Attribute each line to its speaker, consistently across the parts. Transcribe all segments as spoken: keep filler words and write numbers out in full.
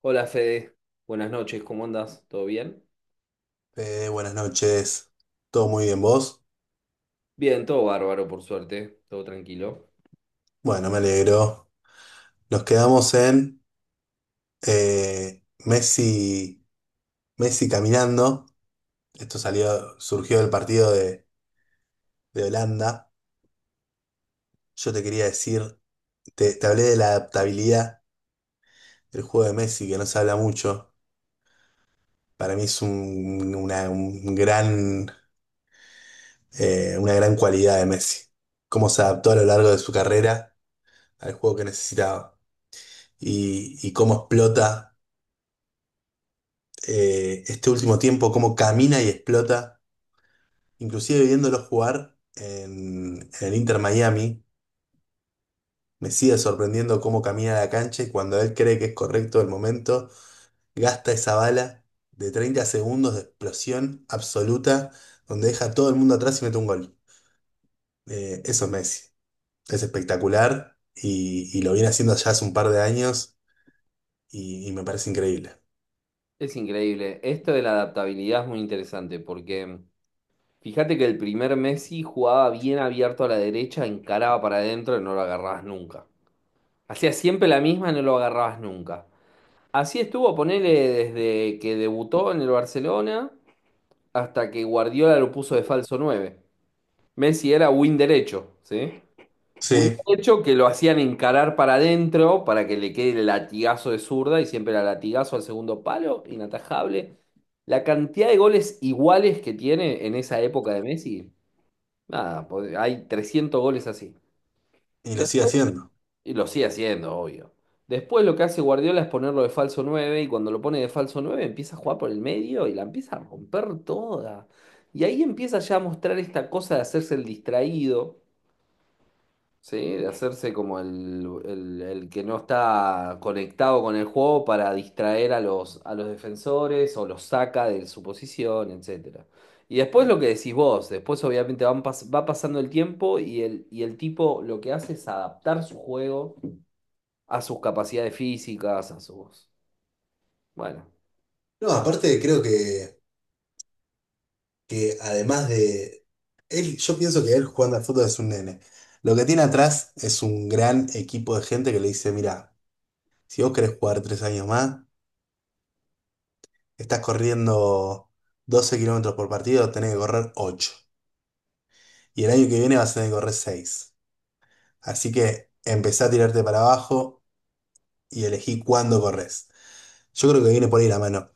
Speaker 1: Hola Fede, buenas noches, ¿cómo andas? ¿Todo bien?
Speaker 2: Fede, buenas noches. ¿Todo muy bien vos?
Speaker 1: Bien, todo bárbaro, por suerte, todo tranquilo.
Speaker 2: Bueno, me alegro. Nos quedamos en eh, Messi, Messi caminando. Esto salió, surgió del partido de, de Holanda. Yo te quería decir, te, te hablé de la adaptabilidad del juego de Messi, que no se habla mucho. Para mí es un, una, un gran, eh, una gran cualidad de Messi. Cómo se adaptó a lo largo de su carrera al juego que necesitaba y, y cómo explota. Eh, este último tiempo, cómo camina y explota, inclusive viéndolo jugar en, en el Inter Miami, me sigue sorprendiendo cómo camina la cancha y cuando él cree que es correcto el momento, gasta esa bala de treinta segundos de explosión absoluta, donde deja a todo el mundo atrás y mete un gol. Eh, eso es Messi, es espectacular y, y lo viene haciendo ya hace un par de años y, y me parece increíble.
Speaker 1: Es increíble, esto de la adaptabilidad es muy interesante porque fíjate que el primer Messi jugaba bien abierto a la derecha, encaraba para adentro y no lo agarrabas nunca. Hacía siempre la misma y no lo agarrabas nunca. Así estuvo, ponele desde que debutó en el Barcelona hasta que Guardiola lo puso de falso nueve. Messi era win derecho, ¿sí? Hubiera
Speaker 2: Sí,
Speaker 1: hecho que lo hacían encarar para adentro para que le quede el latigazo de zurda y siempre era latigazo al segundo palo, inatajable. La cantidad de goles iguales que tiene en esa época de Messi, nada, po- hay trescientos goles así.
Speaker 2: y lo
Speaker 1: De-
Speaker 2: sigue haciendo.
Speaker 1: Y lo sigue haciendo, obvio. Después lo que hace Guardiola es ponerlo de falso nueve y cuando lo pone de falso nueve empieza a jugar por el medio y la empieza a romper toda. Y ahí empieza ya a mostrar esta cosa de hacerse el distraído. Sí, de hacerse como el, el- el que no está conectado con el juego para distraer a los, a los defensores o los saca de su posición, etcétera. Y después lo que decís vos, después obviamente van pas- va pasando el tiempo y el, y el tipo lo que hace es adaptar su juego a sus capacidades físicas, a sus... Bueno,
Speaker 2: No, aparte creo que que además de él, yo pienso que él jugando al fútbol es un nene. Lo que tiene atrás es un gran equipo de gente que le dice, mira, si vos querés jugar tres años más, estás corriendo doce kilómetros por partido, tenés que correr ocho. Y el año que viene vas a tener que correr seis. Así que empezá a tirarte para abajo y elegí cuándo corres. Yo creo que viene por ahí la mano.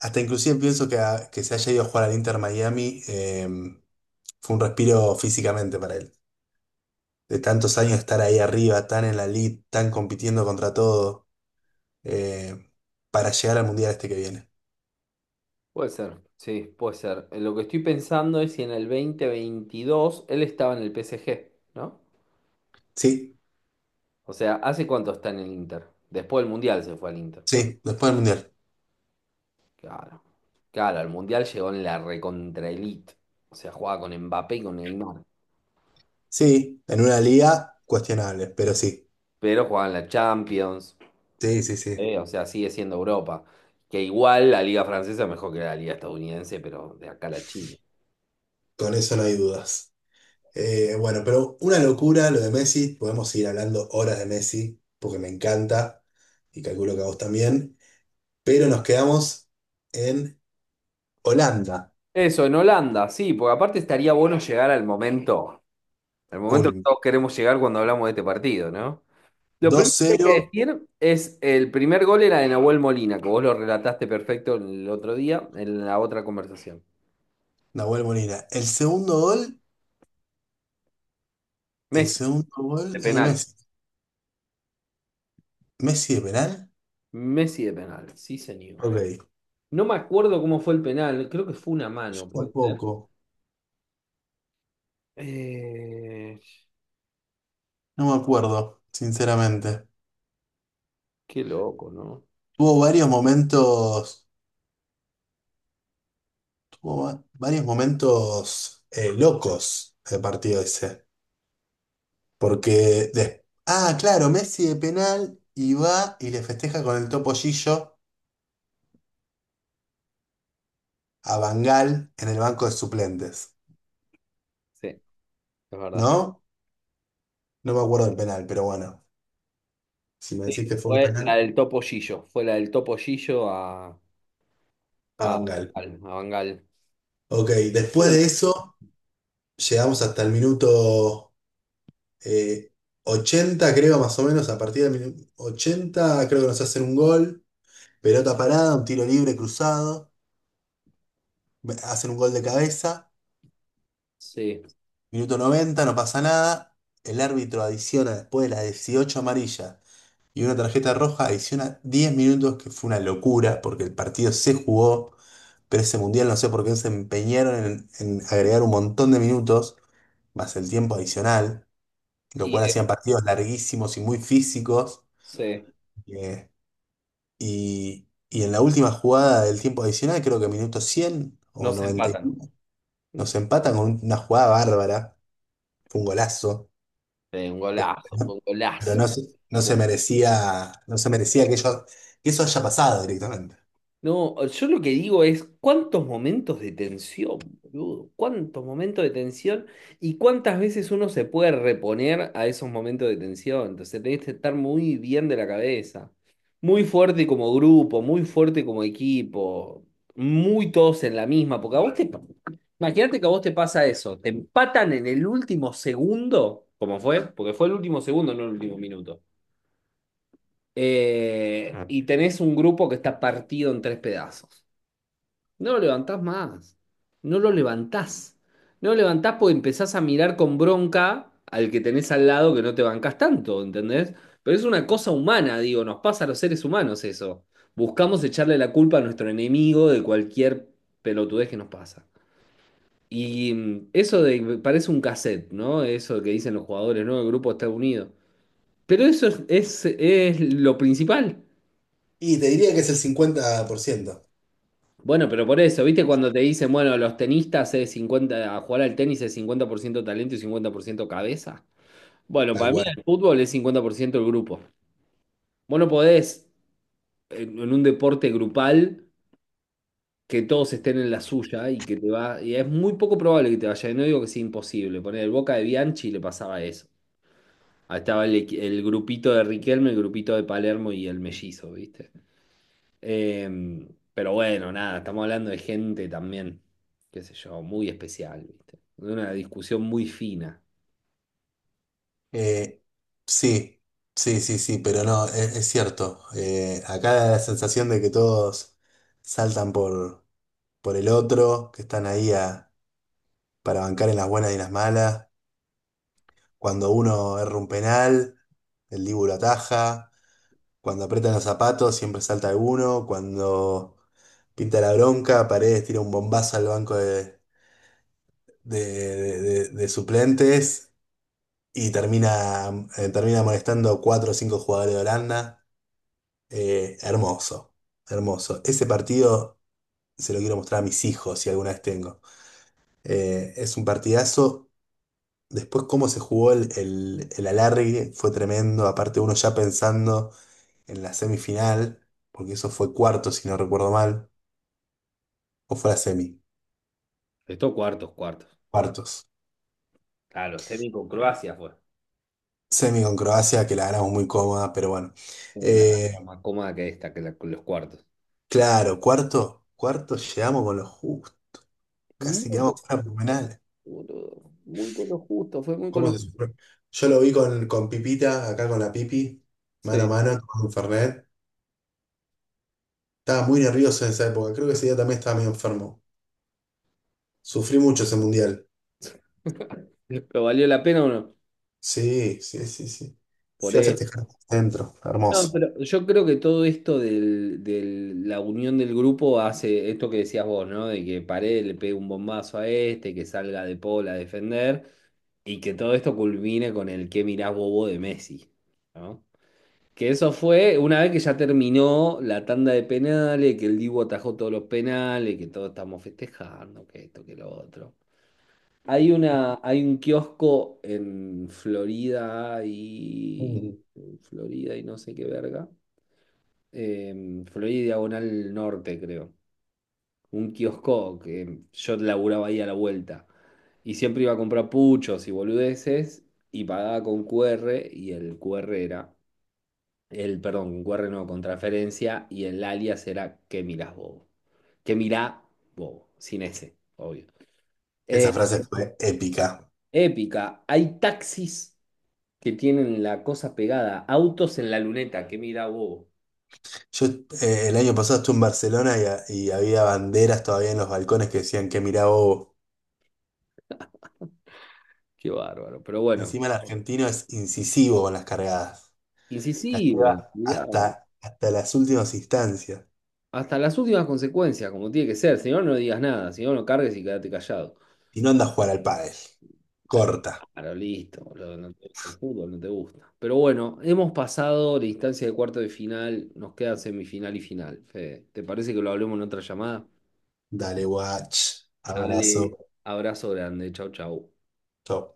Speaker 2: Hasta inclusive pienso que, a- que se haya ido a jugar al Inter Miami, em, fue un respiro físicamente para él. De tantos años estar ahí arriba, tan en la lead, tan compitiendo contra todo, eh, para llegar al mundial este que viene.
Speaker 1: puede ser, sí, puede ser. Lo que estoy pensando es si en el dos mil veintidós él estaba en el P S G, ¿no?
Speaker 2: Sí,
Speaker 1: O sea, ¿hace cuánto está en el Inter? Después del Mundial se fue al Inter.
Speaker 2: sí, después del mundial.
Speaker 1: Claro. Claro, al Mundial llegó en la recontra elite. O sea, jugaba con Mbappé y con Neymar.
Speaker 2: Sí, en una liga cuestionable, pero sí.
Speaker 1: Pero jugaba en la Champions.
Speaker 2: Sí, sí, sí.
Speaker 1: ¿Eh? O sea, sigue siendo Europa. Que igual la liga francesa es mejor que la liga estadounidense, pero de acá a la China.
Speaker 2: Con eso no hay dudas. Eh, bueno, pero una locura lo de Messi. Podemos seguir hablando horas de Messi, porque me encanta y calculo que a vos también. Pero nos quedamos en Holanda.
Speaker 1: Eso, en Holanda, sí, porque aparte estaría bueno llegar al momento, al momento que
Speaker 2: Culm.
Speaker 1: todos queremos llegar cuando hablamos de este partido, ¿no? Lo primero que hay que
Speaker 2: dos cero,
Speaker 1: decir es el primer gol era de Nahuel Molina, que vos lo relataste perfecto el otro día en la otra conversación.
Speaker 2: Nahuel Molina. El segundo gol. El
Speaker 1: Messi
Speaker 2: segundo gol
Speaker 1: de
Speaker 2: es de
Speaker 1: penal.
Speaker 2: Messi. ¿Messi de penal?
Speaker 1: Messi de penal, sí señor.
Speaker 2: Ok.
Speaker 1: No me acuerdo cómo fue el penal, creo que fue una
Speaker 2: Yo
Speaker 1: mano, puede ser.
Speaker 2: tampoco.
Speaker 1: Eh,
Speaker 2: No me acuerdo, sinceramente.
Speaker 1: qué loco, ¿no?
Speaker 2: Tuvo varios momentos. Tuvo va- varios momentos eh, locos el partido ese. Porque. de- ah, claro, Messi de penal y va y le festeja con el topollillo a Bangal en el banco de suplentes.
Speaker 1: Sí, es verdad.
Speaker 2: ¿No? No me acuerdo del penal, pero bueno. Si me decís que
Speaker 1: Sí,
Speaker 2: fue un
Speaker 1: fue la
Speaker 2: penal,
Speaker 1: del Topo Gillo, fue la del Topo Gillo a,
Speaker 2: a
Speaker 1: a,
Speaker 2: Bangal.
Speaker 1: Bangal. A Bangal.
Speaker 2: Ok, después
Speaker 1: Bien.
Speaker 2: de eso. Llegamos hasta el minuto eh, ochenta, creo, más o menos. A partir del minuto ochenta creo que nos hacen un gol. Pelota parada, un tiro libre cruzado. Hacen un gol de cabeza.
Speaker 1: Sí,
Speaker 2: Minuto noventa no pasa nada. El árbitro adiciona, después de las dieciocho amarillas y una tarjeta roja, adiciona diez minutos, que fue una locura, porque el partido se jugó, pero ese mundial no sé por qué se empeñaron en en agregar un montón de minutos, más el tiempo adicional, lo
Speaker 1: y
Speaker 2: cual
Speaker 1: eh,
Speaker 2: hacían partidos larguísimos y muy físicos.
Speaker 1: sí,
Speaker 2: eh, y, y en la última jugada del tiempo adicional, creo que minuto cien o
Speaker 1: no se
Speaker 2: noventa,
Speaker 1: empatan.
Speaker 2: nos empatan con una jugada bárbara, fue un golazo,
Speaker 1: Fue un
Speaker 2: pero,
Speaker 1: golazo, fue un
Speaker 2: pero no,
Speaker 1: golazo.
Speaker 2: se- no se merecía, no se merecía que, ello- que eso haya pasado directamente.
Speaker 1: No, yo lo que digo es cuántos momentos de tensión, boludo, cuántos momentos de tensión y cuántas veces uno se puede reponer a esos momentos de tensión. Entonces tenés que estar muy bien de la cabeza, muy fuerte como grupo, muy fuerte como equipo, muy todos en la misma, porque a vos te... Imagínate que a vos te pasa eso, te empatan en el último segundo, como fue, porque fue el último segundo, no el último minuto, eh, y tenés un grupo que está partido en tres pedazos. No lo levantás más. No lo levantás. No lo levantás porque empezás a mirar con bronca al que tenés al lado que no te bancás tanto, ¿entendés? Pero es una cosa humana, digo, nos pasa a los seres humanos eso. Buscamos echarle la culpa a nuestro enemigo de cualquier pelotudez que nos pasa. Y mm, eso de, parece un cassette, ¿no? Eso que dicen los jugadores, ¿no? El grupo está unido. Pero eso es, es es lo principal.
Speaker 2: Y te diría que es el cincuenta por ciento,
Speaker 1: Bueno, pero por eso, ¿viste cuando te dicen, bueno, los tenistas es cincuenta, a jugar al tenis es cincuenta por ciento talento y cincuenta por ciento cabeza? Bueno,
Speaker 2: tal
Speaker 1: para mí
Speaker 2: cual.
Speaker 1: el fútbol es cincuenta por ciento el grupo. Vos no podés en, en un deporte grupal que todos estén en la suya y que te va, y es muy poco probable que te vaya, y no digo que sea imposible, poner el Boca de Bianchi le pasaba eso. Ahí estaba el, equi- el grupito de Riquelme, el grupito de Palermo y el mellizo, ¿viste? Em, pero bueno, nada, estamos hablando de gente también, qué sé yo, muy especial, ¿viste? De una discusión muy fina.
Speaker 2: Eh, sí, sí, sí, sí, pero no, es, es cierto. Eh, acá da la sensación de que todos saltan por, por el otro, que están ahí a- para bancar en las buenas y en las malas. Cuando uno erra un penal, el Dibu lo ataja. Cuando aprietan los zapatos, siempre salta alguno. Cuando pinta la bronca, Paredes tira un bombazo al banco de, de- de- de- de suplentes y termina, eh, termina molestando cuatro o cinco jugadores de Holanda. Eh, hermoso, hermoso. Ese partido se lo quiero mostrar a mis hijos si alguna vez tengo. Eh, es un partidazo. Después cómo se jugó el, el, el alargue fue tremendo, aparte uno ya pensando en la semifinal, porque eso fue cuartos, si no recuerdo mal, o fue la semi.
Speaker 1: Estos cuartos, cuartos.
Speaker 2: Cuartos.
Speaker 1: Claro, semi con Croacia fue.
Speaker 2: Semi con Croacia, que la ganamos muy cómoda, pero bueno.
Speaker 1: Eh, La,
Speaker 2: Eh,
Speaker 1: la más cómoda que esta, que la- con los cuartos.
Speaker 2: claro, cuarto, cuarto llegamos con los justos,
Speaker 1: Muy
Speaker 2: casi
Speaker 1: con,
Speaker 2: quedamos fuera por penales.
Speaker 1: boludo, muy con lo justo, fue muy con
Speaker 2: ¿Cómo
Speaker 1: lo
Speaker 2: se
Speaker 1: justo.
Speaker 2: sufrió? Yo lo vi con, con Pipita, acá con la Pipi, mano a
Speaker 1: Sí.
Speaker 2: mano, con Fernet. Estaba muy nervioso en esa época, creo que ese día también estaba medio enfermo. Sufrí mucho ese mundial.
Speaker 1: ¿Pero valió la pena o no?
Speaker 2: Sí, sí, sí, sí.
Speaker 1: Por
Speaker 2: Fui a
Speaker 1: eso.
Speaker 2: festejar dentro,
Speaker 1: No,
Speaker 2: hermoso.
Speaker 1: pero yo creo que todo esto del, del- la unión del grupo hace esto que decías vos, ¿no? De que Paredes le pegue un bombazo a este, que salga De Paul a defender y que todo esto culmine con el que mirás, bobo?" de Messi, ¿no? Que eso fue una vez que ya terminó la tanda de penales, que el Dibu atajó todos los penales, que todos estamos festejando, que esto, que lo otro. Hay una, hay un kiosco en Florida y
Speaker 2: Mm.
Speaker 1: Florida y no sé qué verga, eh, Florida y Diagonal Norte, creo. Un kiosco que yo laburaba ahí a la vuelta. Y siempre iba a comprar puchos y boludeces y pagaba con Q R y el Q R era, el, perdón, con Q R no, con transferencia y el alias era que mirás bobo? Que mirá bobo? Sin ese, obvio. Eh,
Speaker 2: Esa frase fue épica.
Speaker 1: épica, hay taxis que tienen la cosa pegada, autos en la luneta, que mirá bobo?
Speaker 2: Yo eh, el año pasado estuve en Barcelona y, ha- y había banderas todavía en los balcones que decían que mirá bobo.
Speaker 1: Qué bárbaro, pero bueno,
Speaker 2: Encima el argentino es incisivo con las cargadas.
Speaker 1: incisivo,
Speaker 2: Lleva Hasta, hasta las últimas instancias.
Speaker 1: hasta las últimas consecuencias, como tiene que ser. Si no, no digas nada. Si no, no cargues y quédate callado.
Speaker 2: Y no anda a jugar al pádel.
Speaker 1: Eh,
Speaker 2: Corta.
Speaker 1: Claro, listo, boludo, no te gusta el fútbol, no te gusta. Pero bueno, hemos pasado la instancia de cuarto de final, nos queda semifinal y final. Fede, ¿te parece que lo hablemos en otra llamada?
Speaker 2: Dale, watch. Abrazo.
Speaker 1: Dale, abrazo grande, chau, chau.
Speaker 2: Chau.